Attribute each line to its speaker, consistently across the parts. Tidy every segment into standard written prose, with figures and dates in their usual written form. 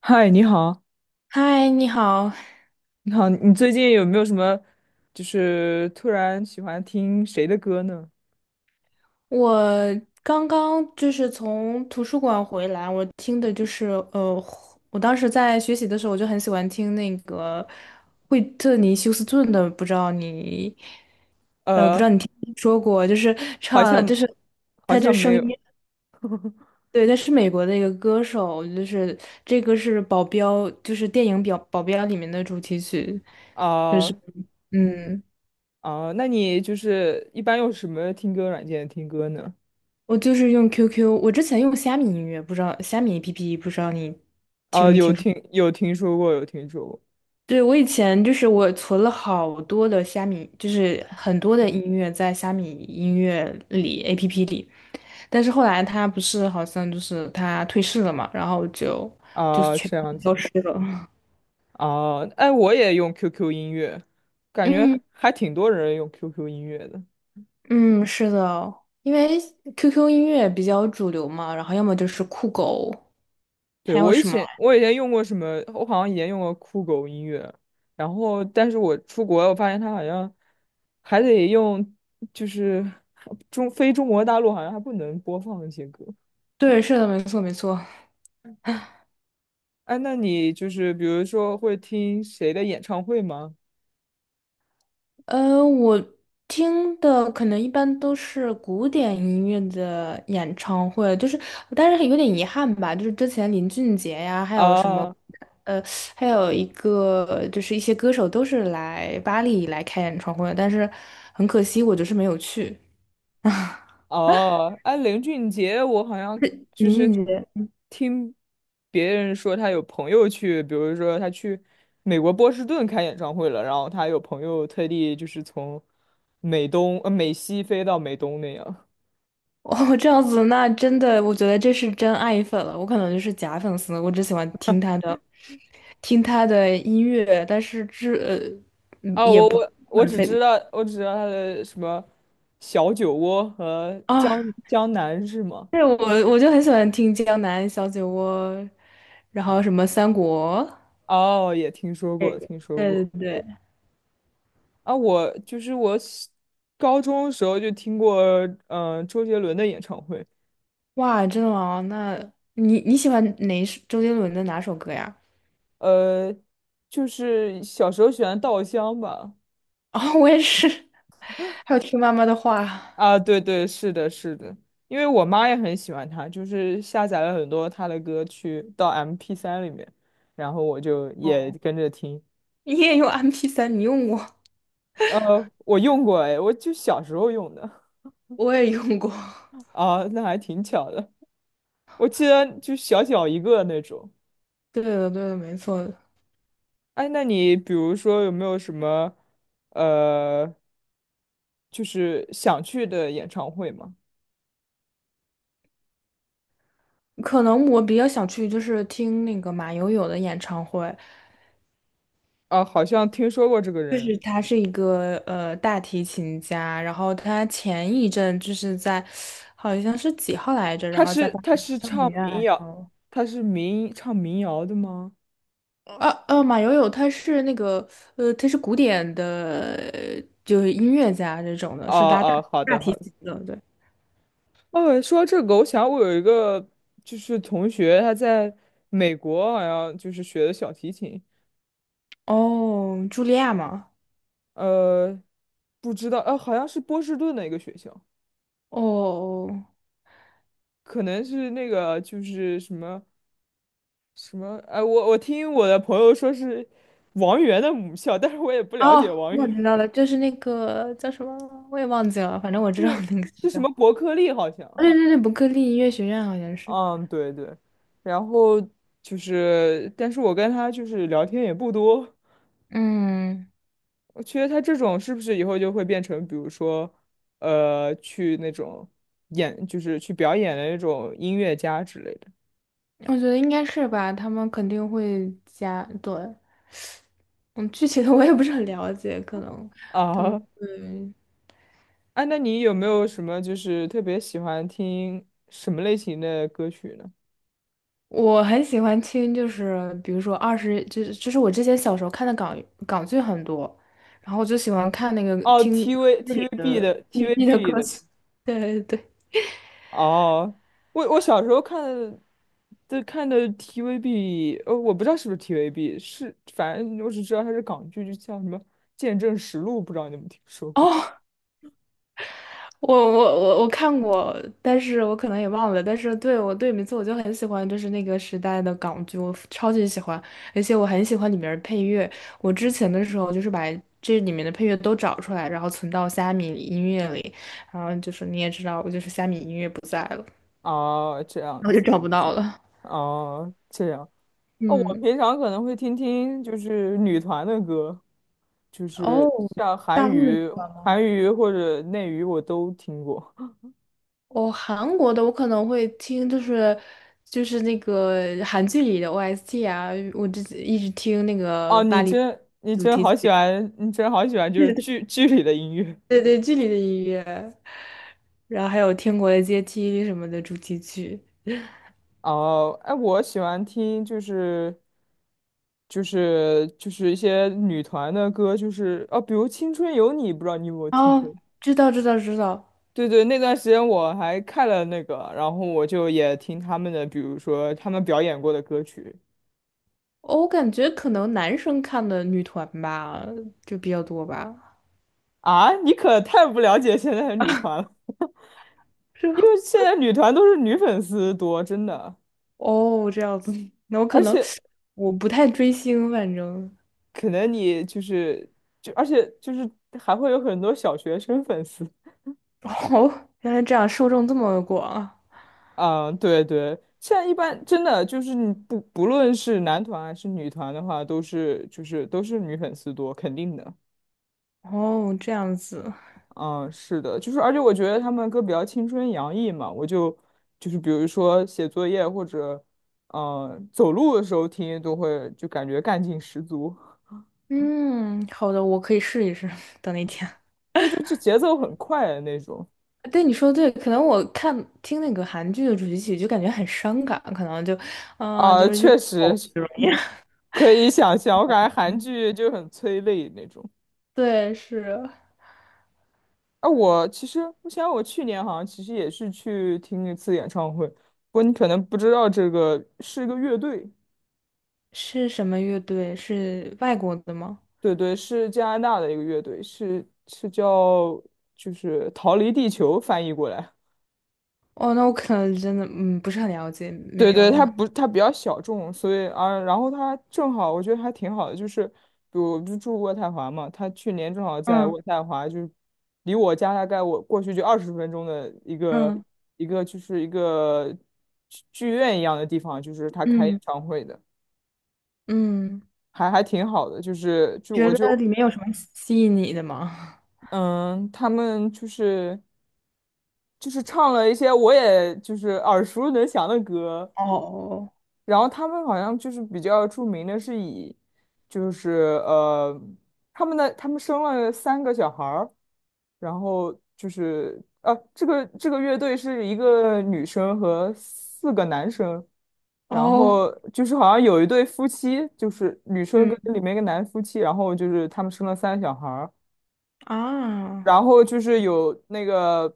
Speaker 1: 嗨，你好。
Speaker 2: 嗨，你好。
Speaker 1: 你好，你最近有没有什么，就是突然喜欢听谁的歌呢？
Speaker 2: 我刚刚从图书馆回来，我听的呃，我当时在学习的时候，我就很喜欢听那个惠特尼休斯顿的，不知道你，不知
Speaker 1: 呃，
Speaker 2: 道你听没说过，就是
Speaker 1: 好
Speaker 2: 唱，就
Speaker 1: 像
Speaker 2: 是
Speaker 1: 好
Speaker 2: 他这
Speaker 1: 像没
Speaker 2: 声
Speaker 1: 有。
Speaker 2: 音。对，他是美国的一个歌手，这个是保镖，就是电影表《保镖》里面的主题曲，就
Speaker 1: 啊，
Speaker 2: 是嗯。
Speaker 1: 啊，那你就是一般用什么听歌软件听歌呢？
Speaker 2: 我就是用 QQ,我之前用虾米音乐，不知道虾米 APP,不知道你听
Speaker 1: 啊，
Speaker 2: 没听说？
Speaker 1: 有听说过。
Speaker 2: 对，我以前我存了好多的虾米，就是很多的音乐在虾米音乐里 APP 里，但是后来它不是好像就是它退市了嘛，然后就就是
Speaker 1: 啊，
Speaker 2: 全
Speaker 1: 这样子。啊，哎，我也用 QQ 音乐，感觉
Speaker 2: 嗯
Speaker 1: 还挺多人用 QQ 音乐的。
Speaker 2: 嗯是的，因为 QQ 音乐比较主流嘛，然后要么就是酷狗，
Speaker 1: 对，
Speaker 2: 还有
Speaker 1: 我以
Speaker 2: 什么？
Speaker 1: 前我以前用过什么，我好像以前用过酷狗音乐。然后但是我出国，我发现它好像还得用，就是中非中国大陆好像还不能播放那些歌。
Speaker 2: 对，是的，没错没错。
Speaker 1: 哎，那你就是比如说会听谁的演唱会吗？
Speaker 2: 我听的可能一般都是古典音乐的演唱会，但是有点遗憾吧，就是之前林俊杰呀，还有什么，
Speaker 1: 啊
Speaker 2: 呃，还有一个就是一些歌手都是来巴黎来开演唱会的，但是很可惜，我就是没有去。
Speaker 1: 哦，哎，林俊杰，我好像就
Speaker 2: 林
Speaker 1: 是
Speaker 2: 俊杰，
Speaker 1: 听别人说他有朋友去，比如说他去美国波士顿开演唱会了，然后他有朋友特地就是从美西飞到美东那样。
Speaker 2: 哦，这样子，那真的，我觉得这是真爱粉了，我可能就是假粉丝，我只喜欢听他的，听他的音乐，但是这，
Speaker 1: 啊，
Speaker 2: 也
Speaker 1: 我
Speaker 2: 不。
Speaker 1: 我我
Speaker 2: 很
Speaker 1: 只
Speaker 2: 非，
Speaker 1: 知道我只知道他的什么小酒窝和江
Speaker 2: 啊，
Speaker 1: 江南是吗？
Speaker 2: 对，我就很喜欢听《江南小酒窝》，然后什么《三国》。
Speaker 1: 哦，也听说过，听说
Speaker 2: 对对
Speaker 1: 过。
Speaker 2: 对，
Speaker 1: 啊，我就是我小高中的时候就听过，周杰伦的演唱会。
Speaker 2: 哇，真的吗？那你喜欢哪一首周杰伦的哪首歌呀？
Speaker 1: 呃，就是小时候喜欢稻香吧。
Speaker 2: 哦，我也是。还有听妈妈的话。
Speaker 1: 啊，对对，是的，是的，因为我妈也很喜欢他，就是下载了很多他的歌曲到 MP3里面，然后我就也跟着听。
Speaker 2: 你也用 m p 三？你用过，
Speaker 1: 我用过。哎，我就小时候用的。
Speaker 2: 我也用过。
Speaker 1: 啊，那还挺巧的。我记得就小小一个那种。
Speaker 2: 对的，对的，没错的。
Speaker 1: 哎，那你比如说有没有什么呃，就是想去的演唱会吗？
Speaker 2: 可能我比较想去，就是听那个马友友的演唱会。
Speaker 1: 啊，好像听说过这个
Speaker 2: 就
Speaker 1: 人。
Speaker 2: 是他是一个大提琴家，然后他前一阵就是在好像是几号来着，然
Speaker 1: 他
Speaker 2: 后在
Speaker 1: 是
Speaker 2: 巴
Speaker 1: 他
Speaker 2: 黎
Speaker 1: 是
Speaker 2: 圣母
Speaker 1: 唱
Speaker 2: 院，
Speaker 1: 民
Speaker 2: 然
Speaker 1: 谣，
Speaker 2: 后
Speaker 1: 他是唱民谣的吗？
Speaker 2: 马友友他是那个，他是古典的，就是音乐家这种的，
Speaker 1: 哦
Speaker 2: 是拉
Speaker 1: 哦，好
Speaker 2: 大
Speaker 1: 的
Speaker 2: 提
Speaker 1: 好的。
Speaker 2: 琴的，对。
Speaker 1: 哦，说到这个，我想我有一个就是同学，他在美国好像就是学的小提琴。
Speaker 2: 哦，茱莉亚吗？
Speaker 1: 呃，不知道。好像是波士顿的一个学校，
Speaker 2: 哦
Speaker 1: 可能是那个就是什么什么。哎、我听我的朋友说是王源的母校，但是我也不了
Speaker 2: 哦，
Speaker 1: 解王
Speaker 2: 我
Speaker 1: 源。
Speaker 2: 知道了，就是那个叫什么，我也忘记了，反正我知道
Speaker 1: 是
Speaker 2: 那个学
Speaker 1: 是什
Speaker 2: 校。
Speaker 1: 么伯 克利好像。
Speaker 2: 对对对，伯克利音乐学院好像是。
Speaker 1: 嗯，对对，然后就是，但是我跟他就是聊天也不多。
Speaker 2: 嗯。
Speaker 1: 我觉得他这种是不是以后就会变成，比如说，去那种就是去表演的那种音乐家之类的。
Speaker 2: 我觉得应该是吧，他们肯定会加，对，嗯，具体的我也不是很了解，可能他们
Speaker 1: 啊？
Speaker 2: 嗯，
Speaker 1: 哎，那你有没有什么就是特别喜欢听什么类型的歌曲呢？
Speaker 2: 我很喜欢听，就是比如说二十，就是我之前小时候看的港剧很多，然后我就喜欢看那个
Speaker 1: 哦
Speaker 2: 听
Speaker 1: ，TV
Speaker 2: 剧里
Speaker 1: TVB
Speaker 2: 的
Speaker 1: 的
Speaker 2: TP 的
Speaker 1: TVB
Speaker 2: 歌
Speaker 1: 的。
Speaker 2: 曲。对对对，
Speaker 1: 哦，我小时候看的，就看的 TVB。我不知道是不是 TVB，是反正我只知道它是港剧，就叫什么《见证实录》，不知道你有没有听说过？
Speaker 2: 哦，我看过，但是我可能也忘了。但是对我对名字我就很喜欢，就是那个时代的港剧，我超级喜欢，而且我很喜欢里面的配乐。我之前的时候就是把这里面的配乐都找出来，然后存到虾米音乐里。然后就是你也知道，我就是虾米音乐不在了，
Speaker 1: 哦，这样
Speaker 2: 然后就
Speaker 1: 子。
Speaker 2: 找不到了。
Speaker 1: 哦，这样。哦，我
Speaker 2: 嗯，
Speaker 1: 平常可能会听听就是女团的歌，就是
Speaker 2: 哦，
Speaker 1: 像
Speaker 2: 大陆的你知道吗？
Speaker 1: 韩娱或者内娱我都听过。
Speaker 2: 哦，韩国的我可能会听，就是那个韩剧里的 OST 啊，一直听那个
Speaker 1: 哦，
Speaker 2: 巴黎主题曲。
Speaker 1: 你真好喜欢就是
Speaker 2: 对对
Speaker 1: 剧里的音乐。
Speaker 2: 对对，剧里的音乐，然后还有《天国的阶梯》什么的主题曲。
Speaker 1: 哦，哎，我喜欢听就是一些女团的歌，就是哦，比如《青春有你》，不知道你有没有听过？
Speaker 2: 哦，知道知道知道。
Speaker 1: 对对，那段时间我还看了那个，然后我就也听他们的，比如说他们表演过的歌曲。
Speaker 2: 哦，我感觉可能男生看的女团吧，就比较多吧，
Speaker 1: 啊。你可太不了解现在的女团了，
Speaker 2: 是
Speaker 1: 因
Speaker 2: 吧？
Speaker 1: 为现在女团都是女粉丝多，真的，
Speaker 2: 哦，这样子，那我可
Speaker 1: 而
Speaker 2: 能
Speaker 1: 且
Speaker 2: 我不太追星，反正。
Speaker 1: 可能你就是就而且就是还会有很多小学生粉丝。
Speaker 2: 哦，原来这样受众这么广啊。
Speaker 1: 嗯，对对，现在一般真的就是你不不论是男团还是女团的话，都是女粉丝多，肯定的。
Speaker 2: 哦，这样子，
Speaker 1: 嗯，是的，就是而且我觉得他们歌比较青春洋溢嘛，我就比如说写作业或者走路的时候听，都会就感觉干劲十足。
Speaker 2: 嗯，好的，我可以试一试。等那天。
Speaker 1: 对，就节奏很快的那种。
Speaker 2: 对，你说对，可能听那个韩剧的主题曲就感觉很伤感，可能就，啊、
Speaker 1: 啊，
Speaker 2: 就是又。
Speaker 1: 确 实
Speaker 2: 哦，这种 样。
Speaker 1: 可以想象，我感觉韩剧就很催泪那种。
Speaker 2: 对，是。
Speaker 1: 啊，我去年好像其实也是去听一次演唱会，不过你可能不知道这个是一个乐队。
Speaker 2: 是什么乐队？是外国的吗？
Speaker 1: 对对，是加拿大的一个乐队，是叫就是逃离地球翻译过来。
Speaker 2: 哦，那我可能真的嗯不是很了解，
Speaker 1: 对
Speaker 2: 没
Speaker 1: 对，他
Speaker 2: 有，
Speaker 1: 不，他比较小众，所以啊，然后他正好，我觉得还挺好的，就是比如我不住渥太华嘛，他去年正好在
Speaker 2: 嗯
Speaker 1: 渥太华，就是离我家大概我过去就20分钟的
Speaker 2: 嗯
Speaker 1: 一个剧院一样的地方，就是他开演
Speaker 2: 嗯
Speaker 1: 唱会的。
Speaker 2: 嗯，
Speaker 1: 还挺好的，就是就
Speaker 2: 觉
Speaker 1: 我
Speaker 2: 得
Speaker 1: 就
Speaker 2: 里面有什么吸引你的吗？
Speaker 1: 嗯，他们就是唱了一些我也就是耳熟能详的歌，
Speaker 2: 哦
Speaker 1: 然后他们好像就是比较著名的是以，就是呃，他们的他们生了三个小孩儿。然后就是这个乐队是一个女生和四个男生，然
Speaker 2: 哦，
Speaker 1: 后就是好像有一对夫妻，就是女生跟
Speaker 2: 嗯
Speaker 1: 里面一个男夫妻，然后就是他们生了三个小孩儿，
Speaker 2: 啊。
Speaker 1: 然后就是有那个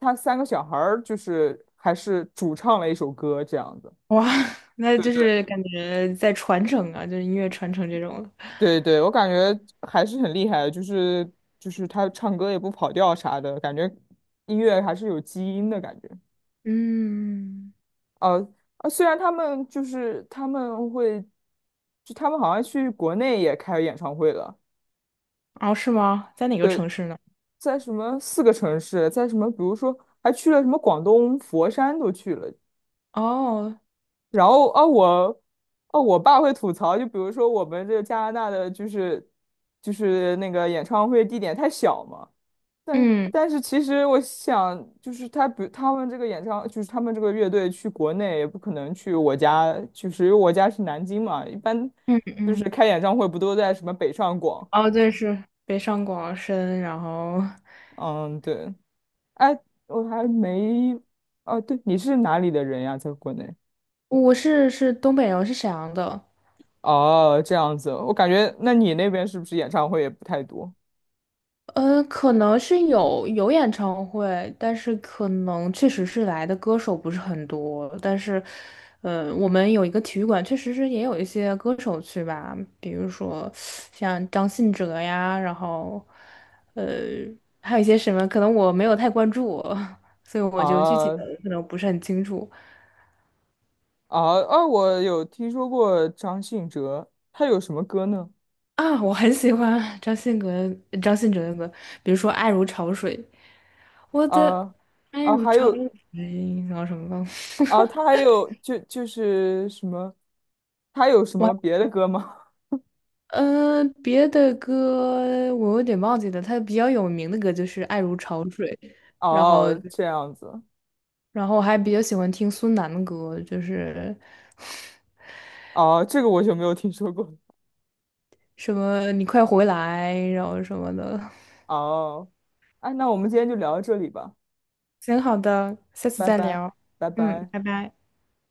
Speaker 1: 他三个小孩儿就是还是主唱了一首歌这样子。
Speaker 2: 哇！那就是感觉在传承啊，就是音乐传承这种的。
Speaker 1: 对对，我感觉还是很厉害的，就是他唱歌也不跑调啥的，感觉音乐还是有基因的感觉。
Speaker 2: 嗯，
Speaker 1: 呃啊，虽然他们会，就他们好像去国内也开演唱会了。
Speaker 2: 哦，是吗？在哪个
Speaker 1: 对，
Speaker 2: 城市呢？
Speaker 1: 在什么四个城市，在什么比如说还去了什么广东佛山都去了。
Speaker 2: 哦，
Speaker 1: 然后啊，我爸会吐槽，就比如说我们这加拿大的就是那个演唱会地点太小嘛。
Speaker 2: 嗯
Speaker 1: 但是其实我想，就是他比他们这个演唱，就是他们这个乐队去国内也不可能去我家，就是因为我家是南京嘛，一般
Speaker 2: 嗯
Speaker 1: 就是
Speaker 2: 嗯，
Speaker 1: 开演唱会不都在什么北上广？
Speaker 2: 哦，对，是北上广深，然后
Speaker 1: 嗯，对。哎，我还没。哦，对，你是哪里的人呀？在国内？
Speaker 2: 是东北人，我是沈阳的。
Speaker 1: 哦，这样子，我感觉那你那边是不是演唱会也不太多？
Speaker 2: 可能是有演唱会，但是可能确实是来的歌手不是很多。但是，我们有一个体育馆，确实是也有一些歌手去吧，比如说像张信哲呀，然后，呃，还有一些什么，可能我没有太关注。所以我就具体的
Speaker 1: 啊
Speaker 2: 可能不是很清楚。
Speaker 1: 啊啊！我有听说过张信哲，他有什么歌呢？
Speaker 2: 啊，我很喜欢张信哲，张信哲的歌，比如说《爱如潮水》，我的
Speaker 1: 啊
Speaker 2: 爱
Speaker 1: 啊，
Speaker 2: 如
Speaker 1: 还
Speaker 2: 潮
Speaker 1: 有。
Speaker 2: 水，然后什么忘了。
Speaker 1: 啊，他还有就是什么，他有什
Speaker 2: 我
Speaker 1: 么别的歌吗？
Speaker 2: 别的歌我有点忘记了，他比较有名的歌就是《爱如潮水》，然后
Speaker 1: 哦，这样子。
Speaker 2: 然后我还比较喜欢听孙楠的歌，就是
Speaker 1: 哦，这个我就没有听说过。
Speaker 2: 什么你快回来，然后什么的。
Speaker 1: 哦，哎，那我们今天就聊到这里吧，
Speaker 2: 行，好的，下次
Speaker 1: 拜
Speaker 2: 再
Speaker 1: 拜，
Speaker 2: 聊，
Speaker 1: 拜
Speaker 2: 嗯，
Speaker 1: 拜。
Speaker 2: 拜拜。